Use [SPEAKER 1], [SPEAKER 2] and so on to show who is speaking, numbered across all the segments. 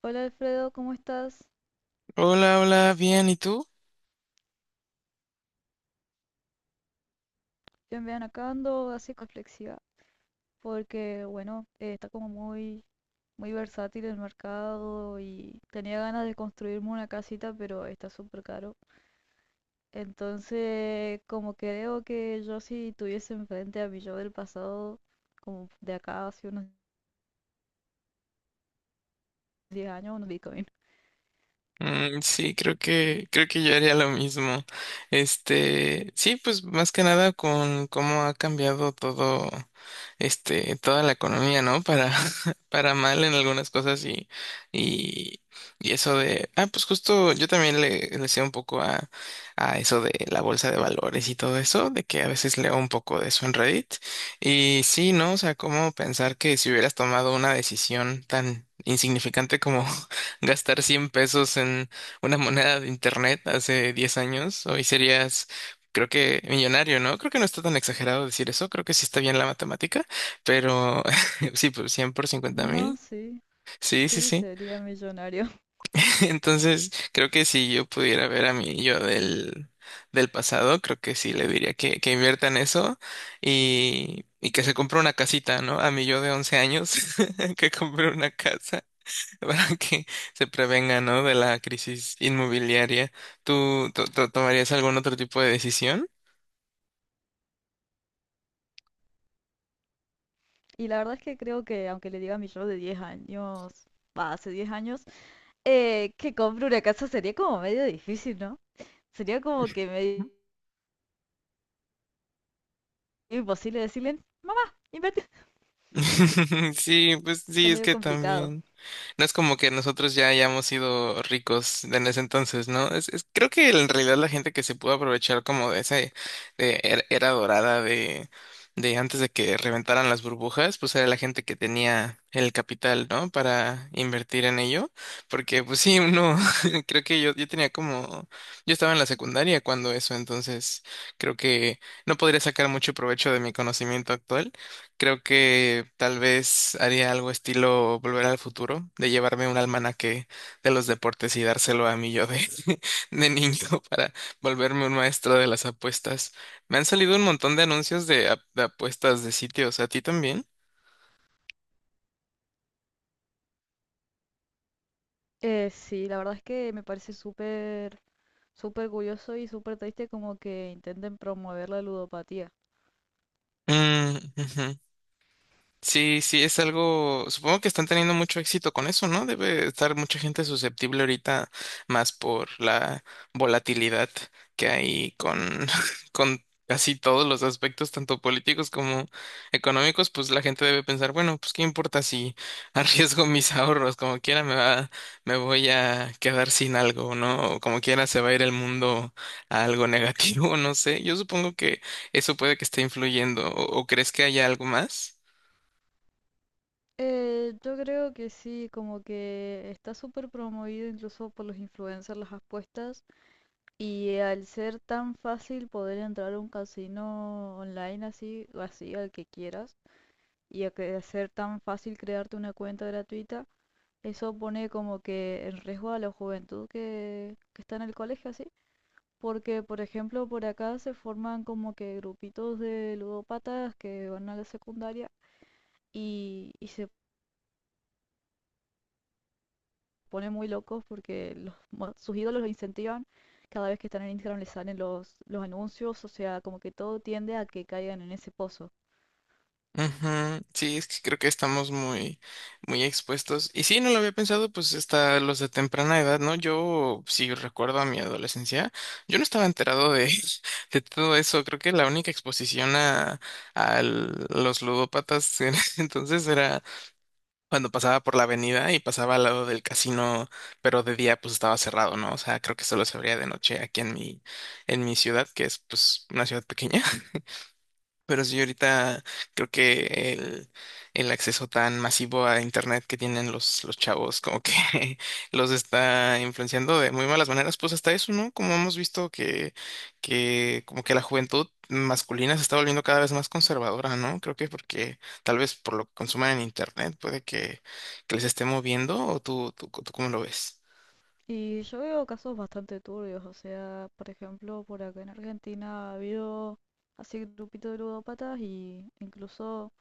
[SPEAKER 1] Hola Alfredo, ¿cómo estás?
[SPEAKER 2] Hola, hola, bien, ¿y tú?
[SPEAKER 1] Yo en verdad acá ando así reflexiva, porque bueno, está como muy versátil el mercado y tenía ganas de construirme una casita, pero está súper caro. Entonces, como que veo que yo si tuviese enfrente a mi yo del pasado, como de acá hace unos 10 años, unos Bitcoin.
[SPEAKER 2] Mm, sí, creo que yo haría lo mismo. Sí, pues más que nada con cómo ha cambiado todo, toda la economía, ¿no? Para, para mal en algunas cosas y, y, y, eso de, pues justo yo también le sé un poco a eso de la bolsa de valores y todo eso, de que a veces leo un poco de eso en Reddit. Y sí, ¿no? O sea, cómo pensar que si hubieras tomado una decisión tan insignificante como gastar 100 pesos en una moneda de internet hace 10 años, hoy serías, creo que, millonario, ¿no? Creo que no está tan exagerado decir eso, creo que sí está bien la matemática, pero sí, pues 100 por cincuenta
[SPEAKER 1] No,
[SPEAKER 2] mil,
[SPEAKER 1] sí,
[SPEAKER 2] sí, sí,
[SPEAKER 1] sí,
[SPEAKER 2] sí.
[SPEAKER 1] sería millonario.
[SPEAKER 2] Entonces, creo que si yo pudiera ver a mi yo del pasado, creo que sí le diría que invierta en eso y que se compre una casita, ¿no? A mi yo de 11 años, que compre una casa para que se prevenga, ¿no? De la crisis inmobiliaria. ¿Tú, tomarías algún otro tipo de decisión?
[SPEAKER 1] Y la verdad es que creo que aunque le diga a mi yo de 10 años, va, hace 10 años, que compre una casa sería como medio difícil, ¿no? Sería como que medio imposible decirle, mamá, invertir.
[SPEAKER 2] Sí, pues
[SPEAKER 1] Está
[SPEAKER 2] sí, es
[SPEAKER 1] medio
[SPEAKER 2] que
[SPEAKER 1] complicado.
[SPEAKER 2] también. No es como que nosotros ya hayamos sido ricos en ese entonces, ¿no? Creo que en realidad la gente que se pudo aprovechar como de esa de era dorada de antes de que reventaran las burbujas, pues era la gente que tenía el capital, ¿no? Para invertir en ello. Porque, pues sí, uno, creo que yo tenía como, yo estaba en la secundaria cuando eso, entonces creo que no podría sacar mucho provecho de mi conocimiento actual. Creo que tal vez haría algo estilo Volver al Futuro, de llevarme un almanaque de los deportes y dárselo a mi yo de, de niño para volverme un maestro de las apuestas. Me han salido un montón de anuncios de apuestas de sitios, ¿a ti también?
[SPEAKER 1] Sí, la verdad es que me parece súper curioso y súper triste como que intenten promover la ludopatía.
[SPEAKER 2] Mm, ujú. Sí, sí, es algo, supongo que están teniendo mucho éxito con eso, ¿no? Debe estar mucha gente susceptible ahorita más por la volatilidad que hay con, con casi todos los aspectos, tanto políticos como económicos, pues la gente debe pensar, bueno, pues qué importa si arriesgo mis ahorros, como quiera me va, me voy a quedar sin algo, ¿no? O como quiera se va a ir el mundo a algo negativo, no sé. Yo supongo que eso puede que esté influyendo, ¿o crees que haya algo más?
[SPEAKER 1] Yo creo que sí, como que está súper promovido incluso por los influencers las apuestas y al ser tan fácil poder entrar a un casino online así, o así al que quieras, y a que hacer tan fácil crearte una cuenta gratuita, eso pone como que en riesgo a la juventud que está en el colegio, así. Porque, por ejemplo, por acá se forman como que grupitos de ludópatas que van a la secundaria y se ponen muy locos porque sus ídolos los incentivan. Cada vez que están en Instagram les salen los anuncios, o sea, como que todo tiende a que caigan en ese pozo.
[SPEAKER 2] Ujú, sí, es que creo que estamos muy, muy expuestos. Y sí, no lo había pensado, pues hasta los de temprana edad, ¿no? Yo, si recuerdo a mi adolescencia, yo no estaba enterado de, de todo eso. Creo que la única exposición a, los ludópatas en ese entonces era cuando pasaba por la avenida y pasaba al lado del casino, pero de día pues estaba cerrado, ¿no? O sea, creo que solo se abría de noche aquí en mi ciudad, que es pues una ciudad pequeña. Pero sí, ahorita creo que el acceso tan masivo a internet que tienen los chavos como que los está influenciando de muy malas maneras, pues hasta eso, ¿no? Como hemos visto que como que la juventud masculina se está volviendo cada vez más conservadora, ¿no? Creo que porque tal vez por lo que consumen en internet puede que les esté moviendo o tú ¿cómo lo ves?
[SPEAKER 1] Y yo veo casos bastante turbios, o sea, por ejemplo, por acá en Argentina ha habido así grupitos de ludópatas y incluso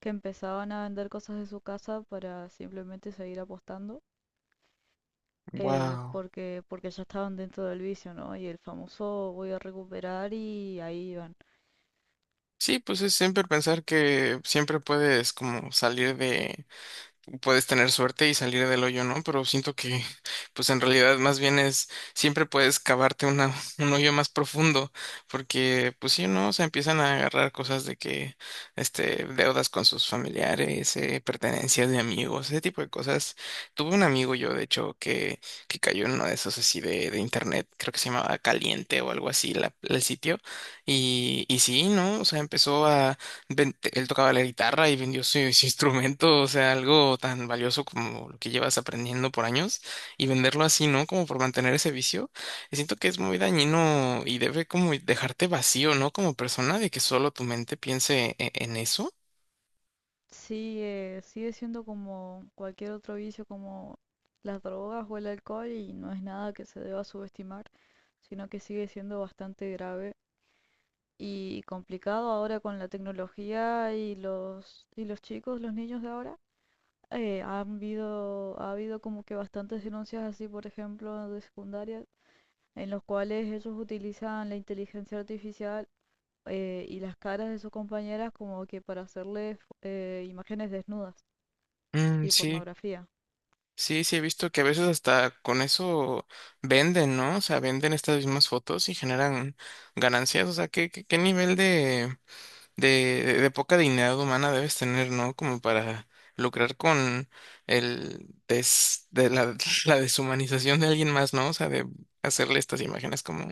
[SPEAKER 1] que empezaban a vender cosas de su casa para simplemente seguir apostando,
[SPEAKER 2] Wow.
[SPEAKER 1] porque ya estaban dentro del vicio, ¿no? Y el famoso voy a recuperar y ahí iban.
[SPEAKER 2] Sí, pues es siempre pensar que siempre puedes como salir de puedes tener suerte y salir del hoyo, ¿no? Pero siento que, pues en realidad más bien es, siempre puedes cavarte una, un hoyo más profundo, porque, pues sí, ¿no? O sea, empiezan a agarrar cosas de que, deudas con sus familiares, pertenencias de amigos, ese tipo de cosas. Tuve un amigo yo, de hecho, que cayó en uno de esos así de, internet, creo que se llamaba Caliente o algo así, el sitio, y sí, ¿no? O sea, él tocaba la guitarra y vendió su, su instrumento, o sea, algo tan valioso como lo que llevas aprendiendo por años y venderlo así, ¿no? Como por mantener ese vicio. Y siento que es muy dañino y debe como dejarte vacío, ¿no? Como persona, de que solo tu mente piense en eso.
[SPEAKER 1] Sigue siendo como cualquier otro vicio, como las drogas o el alcohol, y no es nada que se deba subestimar, sino que sigue siendo bastante grave y complicado ahora con la tecnología y los chicos, los niños de ahora. Ha habido como que bastantes denuncias así, por ejemplo, de secundaria, en los cuales ellos utilizan la inteligencia artificial y las caras de sus compañeras como que para hacerles imágenes desnudas
[SPEAKER 2] Mm,
[SPEAKER 1] y
[SPEAKER 2] sí,
[SPEAKER 1] pornografía.
[SPEAKER 2] sí, sí, he visto que a veces hasta con eso venden, ¿no? O sea, venden estas mismas fotos y generan ganancias, o sea, ¿qué nivel de poca dignidad humana debes tener? ¿No? Como para lucrar con de la, la deshumanización de alguien más, ¿no? O sea, de hacerle estas imágenes como,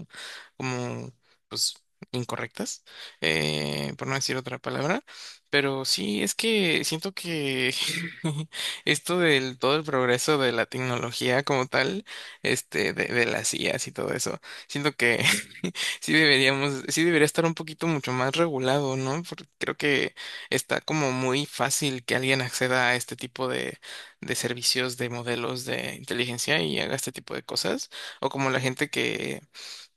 [SPEAKER 2] como, pues, incorrectas, por no decir otra palabra. Pero sí, es que siento que esto del todo el progreso de la tecnología como tal, de, las IAs y todo eso, siento que sí debería estar un poquito mucho más regulado, ¿no? Porque creo que está como muy fácil que alguien acceda a este tipo de servicios de modelos de inteligencia y haga este tipo de cosas, o como la gente que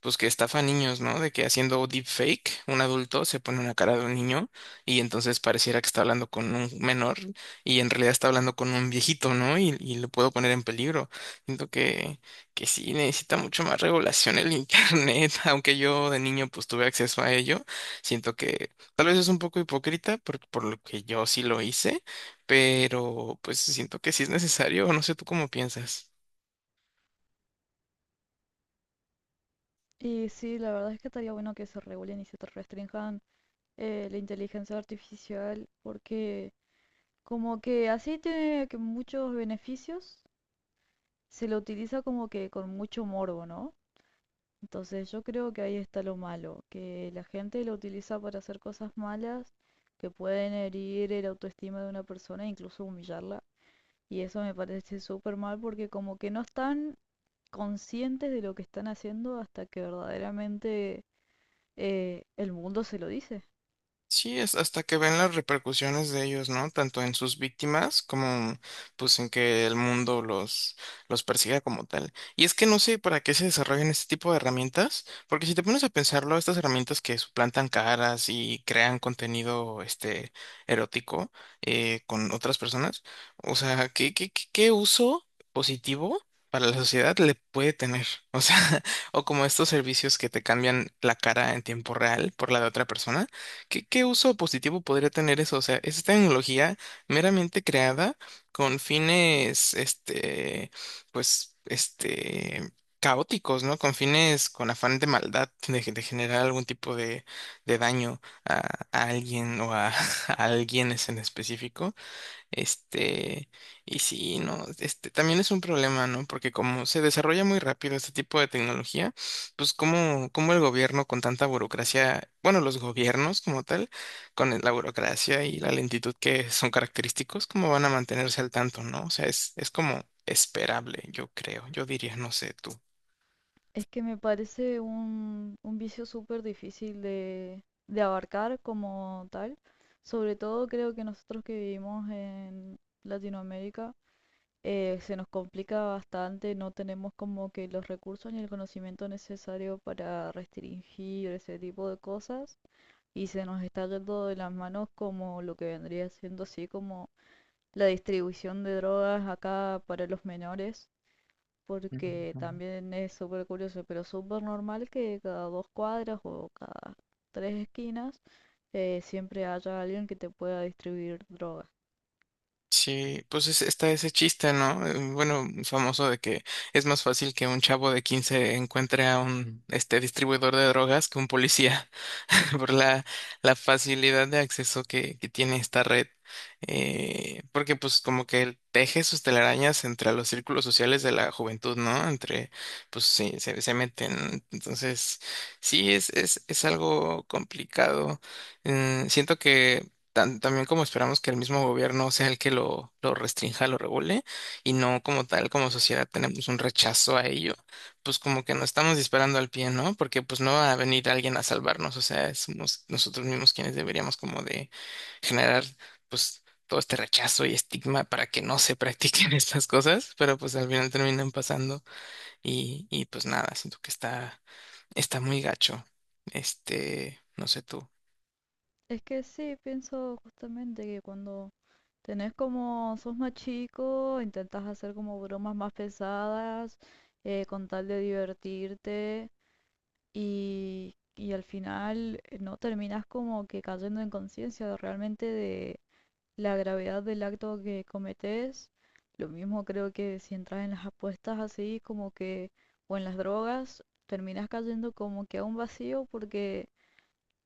[SPEAKER 2] que estafa a niños, ¿no? De que haciendo deepfake, un adulto se pone una cara de un niño y entonces pareciera que está hablando con un menor y en realidad está hablando con un viejito, ¿no? Y lo puedo poner en peligro. Siento que sí necesita mucho más regulación el internet, aunque yo de niño pues tuve acceso a ello. Siento que tal vez es un poco hipócrita por lo que yo sí lo hice, pero pues siento que sí es necesario, no sé tú cómo piensas.
[SPEAKER 1] Y sí, la verdad es que estaría bueno que se regulen y se te restrinjan la inteligencia artificial porque como que así tiene que muchos beneficios se lo utiliza como que con mucho morbo, ¿no? Entonces yo creo que ahí está lo malo, que la gente lo utiliza para hacer cosas malas que pueden herir el autoestima de una persona e incluso humillarla. Y eso me parece súper mal porque como que no están conscientes de lo que están haciendo hasta que verdaderamente el mundo se lo dice.
[SPEAKER 2] Sí, es hasta que ven las repercusiones de ellos, ¿no? Tanto en sus víctimas como pues en que el mundo los persiga como tal. Y es que no sé para qué se desarrollan este tipo de herramientas, porque si te pones a pensarlo, estas herramientas que suplantan caras y crean contenido erótico con otras personas, o sea, ¿qué uso positivo para la sociedad le puede tener? O sea, o como estos servicios que te cambian la cara en tiempo real por la de otra persona. ¿Qué uso positivo podría tener eso? O sea, es tecnología meramente creada con fines, pues, caóticos, ¿no? Con fines, con afán de maldad, de generar algún tipo de daño a alguien o a, a alguienes en específico. Este, y sí, no, también es un problema, ¿no? Porque como se desarrolla muy rápido este tipo de tecnología, pues como el gobierno con tanta burocracia, bueno, los gobiernos como tal, con la burocracia y la lentitud que son característicos, ¿cómo van a mantenerse al tanto? ¿No? O sea, es como esperable, yo creo, yo diría, no sé tú.
[SPEAKER 1] Es que me parece un vicio súper difícil de abarcar como tal. Sobre todo creo que nosotros que vivimos en Latinoamérica se nos complica bastante, no tenemos como que los recursos ni el conocimiento necesario para restringir ese tipo de cosas y se nos está yendo de las manos como lo que vendría siendo así como la distribución de drogas acá para los menores porque también es súper curioso, pero súper normal que cada dos cuadras o cada tres esquinas siempre haya alguien que te pueda distribuir drogas.
[SPEAKER 2] Sí, pues está ese chiste, ¿no? Bueno, famoso de que es más fácil que un chavo de 15 encuentre a un distribuidor de drogas que un policía. Por la facilidad de acceso que tiene esta red. Porque pues como que él teje sus telarañas entre los círculos sociales de la juventud, ¿no? Entre, pues sí, se meten. Entonces, sí, es algo complicado. Siento que también como esperamos que el mismo gobierno sea el que lo restrinja, lo regule, y no como tal, como sociedad tenemos un rechazo a ello pues como que nos estamos disparando al pie, ¿no? Porque pues no va a venir alguien a salvarnos, o sea, somos nosotros mismos quienes deberíamos como de generar pues todo este rechazo y estigma para que no se practiquen estas cosas, pero pues al final terminan pasando y pues nada, siento que está muy gacho. No sé tú.
[SPEAKER 1] Es que sí, pienso justamente que cuando tenés como, sos más chico, intentas hacer como bromas más pesadas, con tal de divertirte y al final no terminás como que cayendo en conciencia realmente de la gravedad del acto que cometes. Lo mismo creo que si entras en las apuestas así, como que, o en las drogas, terminas cayendo como que a un vacío porque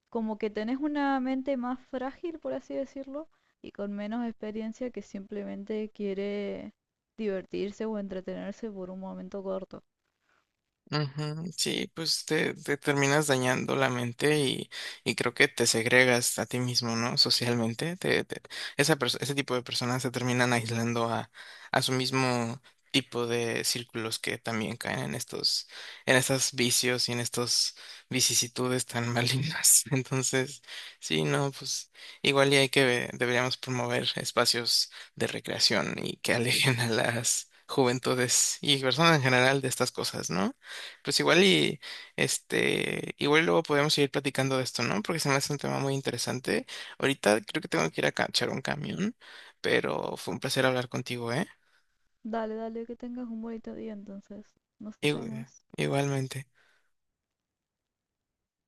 [SPEAKER 1] como que tenés una mente más frágil, por así decirlo, y con menos experiencia que simplemente quiere divertirse o entretenerse por un momento corto.
[SPEAKER 2] Ujú, sí, pues te terminas dañando la mente y creo que te segregas a ti mismo, ¿no? Socialmente. Ese tipo de personas se terminan aislando a, su mismo tipo de círculos que también caen en estos vicios y en estas vicisitudes tan malignas. Entonces, sí, no, pues igual y deberíamos promover espacios de recreación y que alejen a las juventudes y personas en general de estas cosas, ¿no? Pues igual y igual luego podemos seguir platicando de esto, ¿no? Porque se me hace un tema muy interesante. Ahorita creo que tengo que ir a cachar un camión, pero fue un placer hablar contigo, ¿eh?
[SPEAKER 1] Dale, dale, que tengas un bonito día entonces. Nos
[SPEAKER 2] Igu-
[SPEAKER 1] vemos.
[SPEAKER 2] Igualmente.